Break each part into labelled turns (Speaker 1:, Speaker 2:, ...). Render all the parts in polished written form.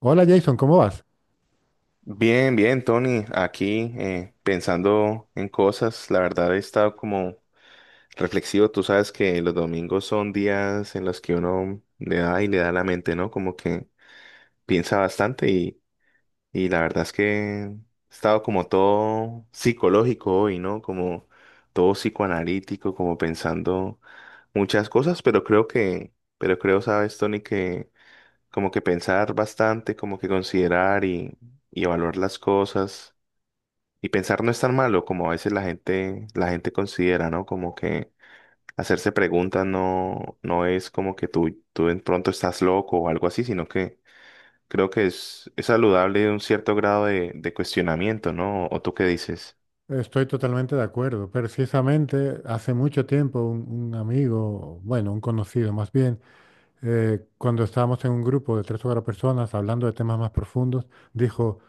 Speaker 1: Hola Jason, ¿cómo vas?
Speaker 2: Bien, bien, Tony, aquí pensando en cosas, la verdad he estado como reflexivo. Tú sabes que los domingos son días en los que uno le da y le da a la mente, ¿no? Como que piensa bastante y la verdad es que he estado como todo psicológico hoy, ¿no? Como todo psicoanalítico, como pensando muchas cosas, pero pero creo, sabes, Tony, que como que pensar bastante, como que considerar y evaluar las cosas y pensar no es tan malo como a veces la gente considera, ¿no? Como que hacerse preguntas no es como que tú de pronto estás loco o algo así, sino que creo que es saludable un cierto grado de cuestionamiento, ¿no? ¿O tú qué dices?
Speaker 1: Estoy totalmente de acuerdo. Precisamente hace mucho tiempo un amigo, bueno, un conocido más bien, cuando estábamos en un grupo de tres o cuatro personas hablando de temas más profundos, dijo,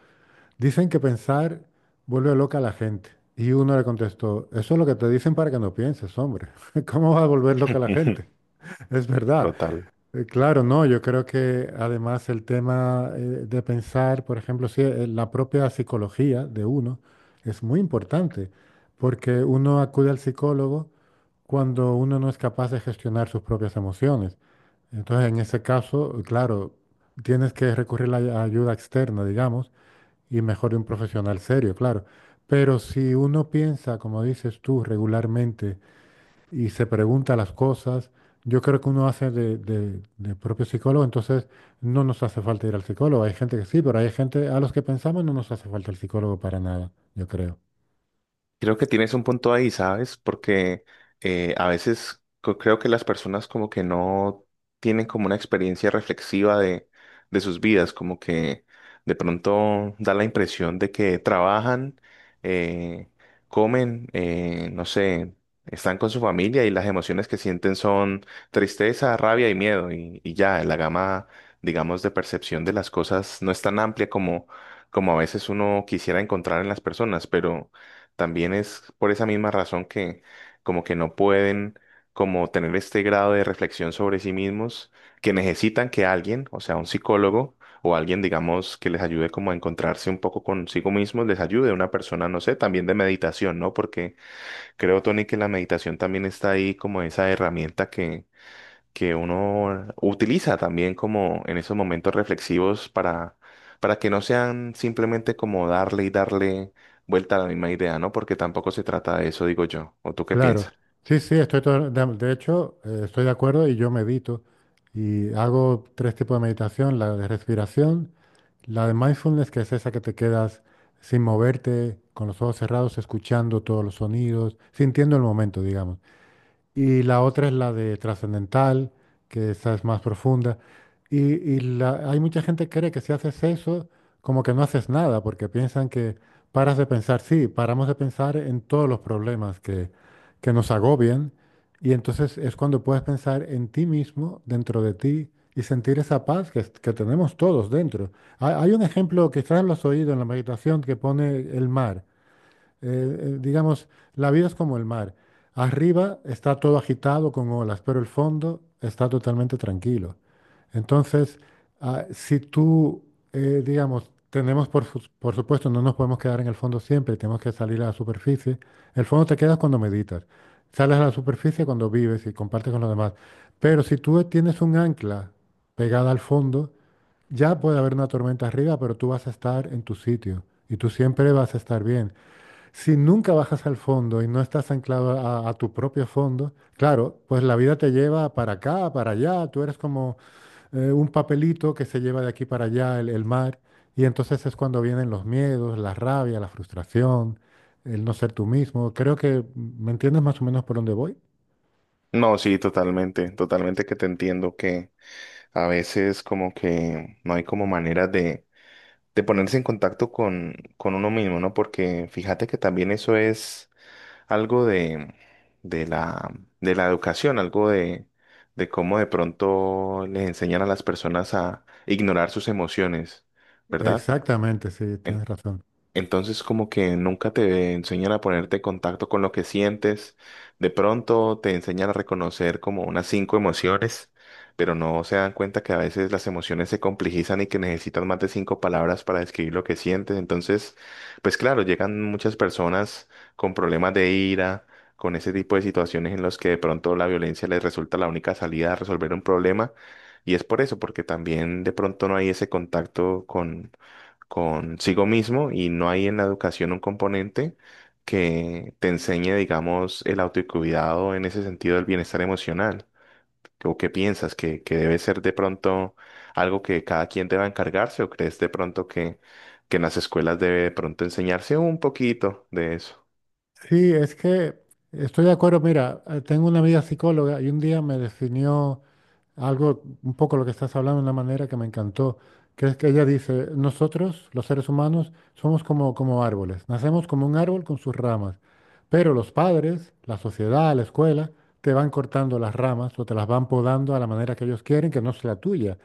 Speaker 1: dicen que pensar vuelve loca a la gente. Y uno le contestó, eso es lo que te dicen para que no pienses, hombre. ¿Cómo va a volver loca a la gente? Es verdad.
Speaker 2: Total.
Speaker 1: Claro, no, yo creo que además el tema, de pensar, por ejemplo, sí, la propia psicología de uno es muy importante, porque uno acude al psicólogo cuando uno no es capaz de gestionar sus propias emociones. Entonces, en ese caso, claro, tienes que recurrir a la ayuda externa, digamos, y mejor de un profesional serio, claro. Pero si uno piensa, como dices tú, regularmente, y se pregunta las cosas. Yo creo que uno hace de propio psicólogo, entonces no nos hace falta ir al psicólogo. Hay gente que sí, pero hay gente a los que pensamos no nos hace falta el psicólogo para nada, yo creo.
Speaker 2: Creo que tienes un punto ahí, ¿sabes? Porque a veces creo que las personas como que no tienen como una experiencia reflexiva de sus vidas, como que de pronto da la impresión de que trabajan, eh, comen, no sé, están con su familia y las emociones que sienten son tristeza, rabia y miedo y ya, la gama, digamos, de percepción de las cosas no es tan amplia como a veces uno quisiera encontrar en las personas, pero... También es por esa misma razón que como que no pueden como tener este grado de reflexión sobre sí mismos, que necesitan que alguien, o sea, un psicólogo o alguien, digamos, que les ayude como a encontrarse un poco consigo mismos, les ayude una persona, no sé, también de meditación, ¿no? Porque creo, Tony, que la meditación también está ahí como esa herramienta que uno utiliza también como en esos momentos reflexivos para que no sean simplemente como darle y darle vuelta a la misma idea, ¿no? Porque tampoco se trata de eso, digo yo. ¿O tú qué
Speaker 1: Claro,
Speaker 2: piensas?
Speaker 1: sí, sí, de hecho, estoy de acuerdo y yo medito y hago tres tipos de meditación, la de respiración, la de mindfulness, que es esa que te quedas sin moverte, con los ojos cerrados, escuchando todos los sonidos, sintiendo el momento, digamos. Y la otra es la de trascendental, que esa es más profunda. Hay mucha gente que cree que si haces eso, como que no haces nada, porque piensan que paras de pensar, sí, paramos de pensar en todos los problemas que nos agobian, y entonces es cuando puedes pensar en ti mismo, dentro de ti, y sentir esa paz que tenemos todos dentro. Hay un ejemplo, quizás lo has oído en la meditación, que pone el mar. Eh, digamos, la vida es como el mar. Arriba está todo agitado con olas, pero el fondo está totalmente tranquilo. Entonces, ah, si tú, digamos, tenemos, por supuesto, no nos podemos quedar en el fondo siempre, tenemos que salir a la superficie. El fondo te quedas cuando meditas, sales a la superficie cuando vives y compartes con los demás. Pero si tú tienes un ancla pegada al fondo, ya puede haber una tormenta arriba, pero tú vas a estar en tu sitio y tú siempre vas a estar bien. Si nunca bajas al fondo y no estás anclado a tu propio fondo, claro, pues la vida te lleva para acá, para allá, tú eres como un papelito que se lleva de aquí para allá el mar, y entonces es cuando vienen los miedos, la rabia, la frustración, el no ser tú mismo. Creo que me entiendes más o menos por dónde voy.
Speaker 2: No, sí, totalmente, totalmente que te entiendo que a veces como que no hay como manera de ponerse en contacto con uno mismo, ¿no? Porque fíjate que también eso es algo de la, de la educación, algo de cómo de pronto les enseñan a las personas a ignorar sus emociones, ¿verdad?
Speaker 1: Exactamente, sí, tienes razón.
Speaker 2: Entonces como que nunca te enseñan a ponerte en contacto con lo que sientes. De pronto te enseñan a reconocer como unas cinco emociones, pero no se dan cuenta que a veces las emociones se complejizan y que necesitan más de cinco palabras para describir lo que sientes. Entonces, pues claro, llegan muchas personas con problemas de ira, con ese tipo de situaciones en los que de pronto la violencia les resulta la única salida a resolver un problema. Y es por eso, porque también de pronto no hay ese contacto consigo mismo y no hay en la educación un componente que te enseñe, digamos, el autocuidado en ese sentido del bienestar emocional. ¿O qué piensas? ¿Que debe ser de pronto algo que cada quien deba encargarse o crees de pronto que en las escuelas debe de pronto enseñarse un poquito de eso?
Speaker 1: Sí, es que estoy de acuerdo. Mira, tengo una amiga psicóloga y un día me definió algo, un poco lo que estás hablando, de una manera que me encantó, que es que ella dice, nosotros, los seres humanos, somos como, como árboles, nacemos como un árbol con sus ramas, pero los padres, la sociedad, la escuela, te van cortando las ramas o te las van podando a la manera que ellos quieren, que no es la tuya.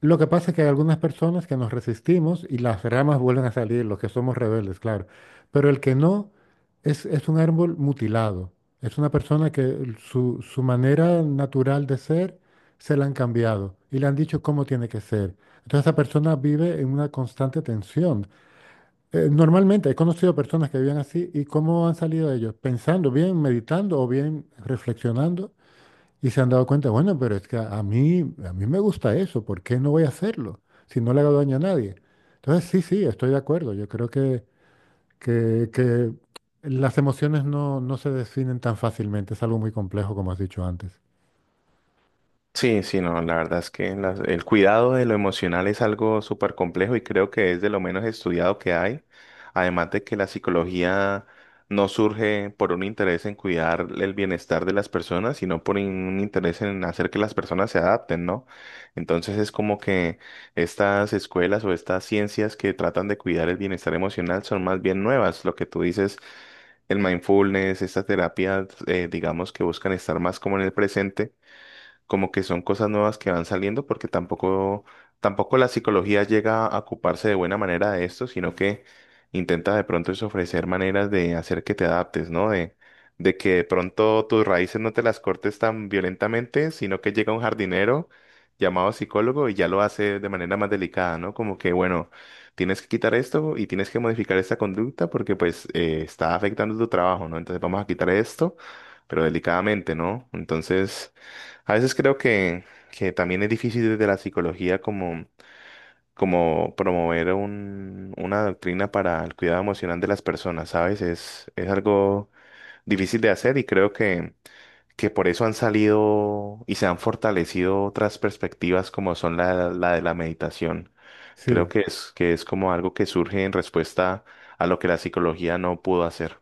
Speaker 1: Lo que pasa es que hay algunas personas que nos resistimos y las ramas vuelven a salir, los que somos rebeldes, claro. Pero el que no es un árbol mutilado. Es una persona que su manera natural de ser se la han cambiado y le han dicho cómo tiene que ser. Entonces esa persona vive en una constante tensión. Normalmente he conocido personas que viven así y cómo han salido de ellos, pensando bien, meditando o bien reflexionando y se han dado cuenta, bueno, pero es que a mí me gusta eso, ¿por qué no voy a hacerlo si no le hago daño a nadie? Entonces, sí, sí, estoy de acuerdo. Yo creo que las emociones no, no se definen tan fácilmente, es algo muy complejo, como has dicho antes.
Speaker 2: Sí, sí, no, la verdad es que el cuidado de lo emocional es algo súper complejo y creo que es de lo menos estudiado que hay. Además de que la psicología no surge por un interés en cuidar el bienestar de las personas, sino por un interés en hacer que las personas se adapten, ¿no? Entonces es como que estas escuelas o estas ciencias que tratan de cuidar el bienestar emocional son más bien nuevas. Lo que tú dices, el mindfulness, estas terapias, digamos que buscan estar más como en el presente, como que son cosas nuevas que van saliendo porque tampoco la psicología llega a ocuparse de buena manera de esto, sino que intenta de pronto es ofrecer maneras de hacer que te adaptes, ¿no? De que de pronto tus raíces no te las cortes tan violentamente, sino que llega un jardinero llamado psicólogo y ya lo hace de manera más delicada, ¿no? Como que, bueno, tienes que quitar esto y tienes que modificar esta conducta porque pues está afectando tu trabajo, ¿no? Entonces vamos a quitar esto, pero delicadamente, ¿no? Entonces... A veces creo que también es difícil desde la psicología como promover una doctrina para el cuidado emocional de las personas, ¿sabes? Es algo difícil de hacer y creo que por eso han salido y se han fortalecido otras perspectivas como son la de la meditación. Creo
Speaker 1: Sí,
Speaker 2: que que es como algo que surge en respuesta a lo que la psicología no pudo hacer.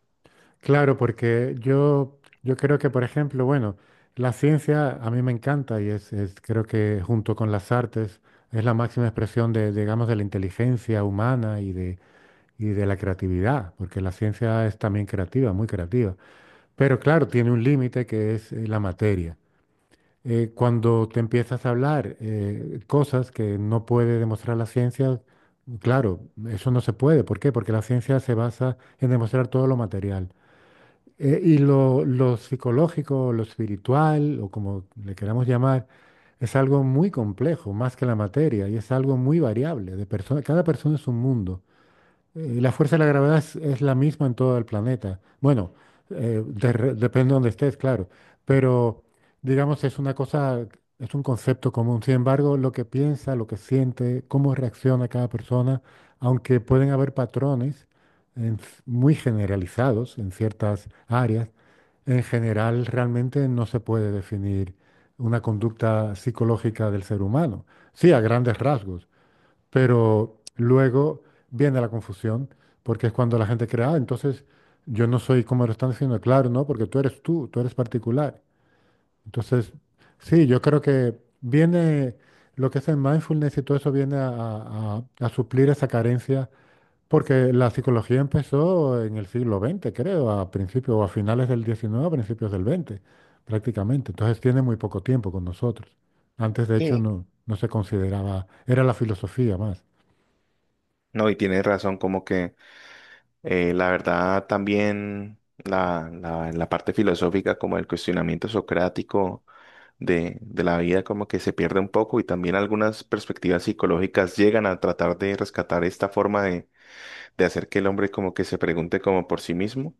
Speaker 1: claro, porque yo creo que, por ejemplo, bueno, la ciencia a mí me encanta y creo que junto con las artes es la máxima expresión de, digamos, de la inteligencia humana y de la creatividad, porque la ciencia es también creativa, muy creativa. Pero claro, tiene un límite que es la materia. Cuando te empiezas a hablar cosas que no puede demostrar la ciencia, claro, eso no se puede. ¿Por qué? Porque la ciencia se basa en demostrar todo lo material. Y lo psicológico, lo espiritual, o como le queramos llamar, es algo muy complejo, más que la materia, y es algo muy variable. De persona, cada persona es un mundo. La fuerza de la gravedad es la misma en todo el planeta. Bueno, depende de donde estés, claro. Pero digamos, es una cosa, es un concepto común. Sin embargo, lo que piensa, lo que siente, cómo reacciona cada persona, aunque pueden haber patrones muy generalizados en ciertas áreas, en general realmente no se puede definir una conducta psicológica del ser humano. Sí, a grandes rasgos, pero luego viene la confusión, porque es cuando la gente crea ah, entonces yo no soy como lo están diciendo, claro, no, porque tú eres tú, tú eres particular. Entonces, sí, yo creo que viene lo que es el mindfulness y todo eso viene a suplir esa carencia, porque la psicología empezó en el siglo XX, creo, a principios o a finales del XIX, a principios del XX, prácticamente. Entonces tiene muy poco tiempo con nosotros. Antes, de hecho,
Speaker 2: Sí.
Speaker 1: no, no se consideraba, era la filosofía más.
Speaker 2: No, y tienes razón, como que la verdad, también la parte filosófica, como el cuestionamiento socrático de la vida, como que se pierde un poco y también algunas perspectivas psicológicas llegan a tratar de rescatar esta forma de hacer que el hombre como que se pregunte como por sí mismo.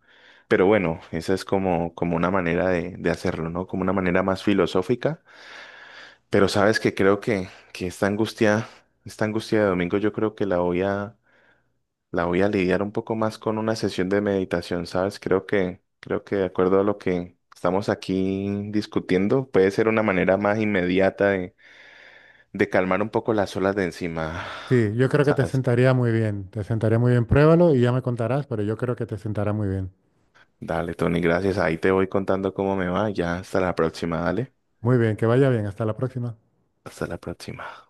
Speaker 2: Pero bueno, esa es como, como una manera de hacerlo, ¿no? Como una manera más filosófica. Pero sabes que creo que esta angustia de domingo, yo creo que la voy a lidiar un poco más con una sesión de meditación, ¿sabes? Creo creo que de acuerdo a lo que estamos aquí discutiendo, puede ser una manera más inmediata de calmar un poco las olas de encima,
Speaker 1: Sí, yo creo que te
Speaker 2: ¿sabes?
Speaker 1: sentaría muy bien. Te sentaría muy bien. Pruébalo y ya me contarás, pero yo creo que te sentará muy bien.
Speaker 2: Dale, Tony, gracias. Ahí te voy contando cómo me va. Ya, hasta la próxima, dale.
Speaker 1: Muy bien, que vaya bien. Hasta la próxima.
Speaker 2: Hasta la próxima.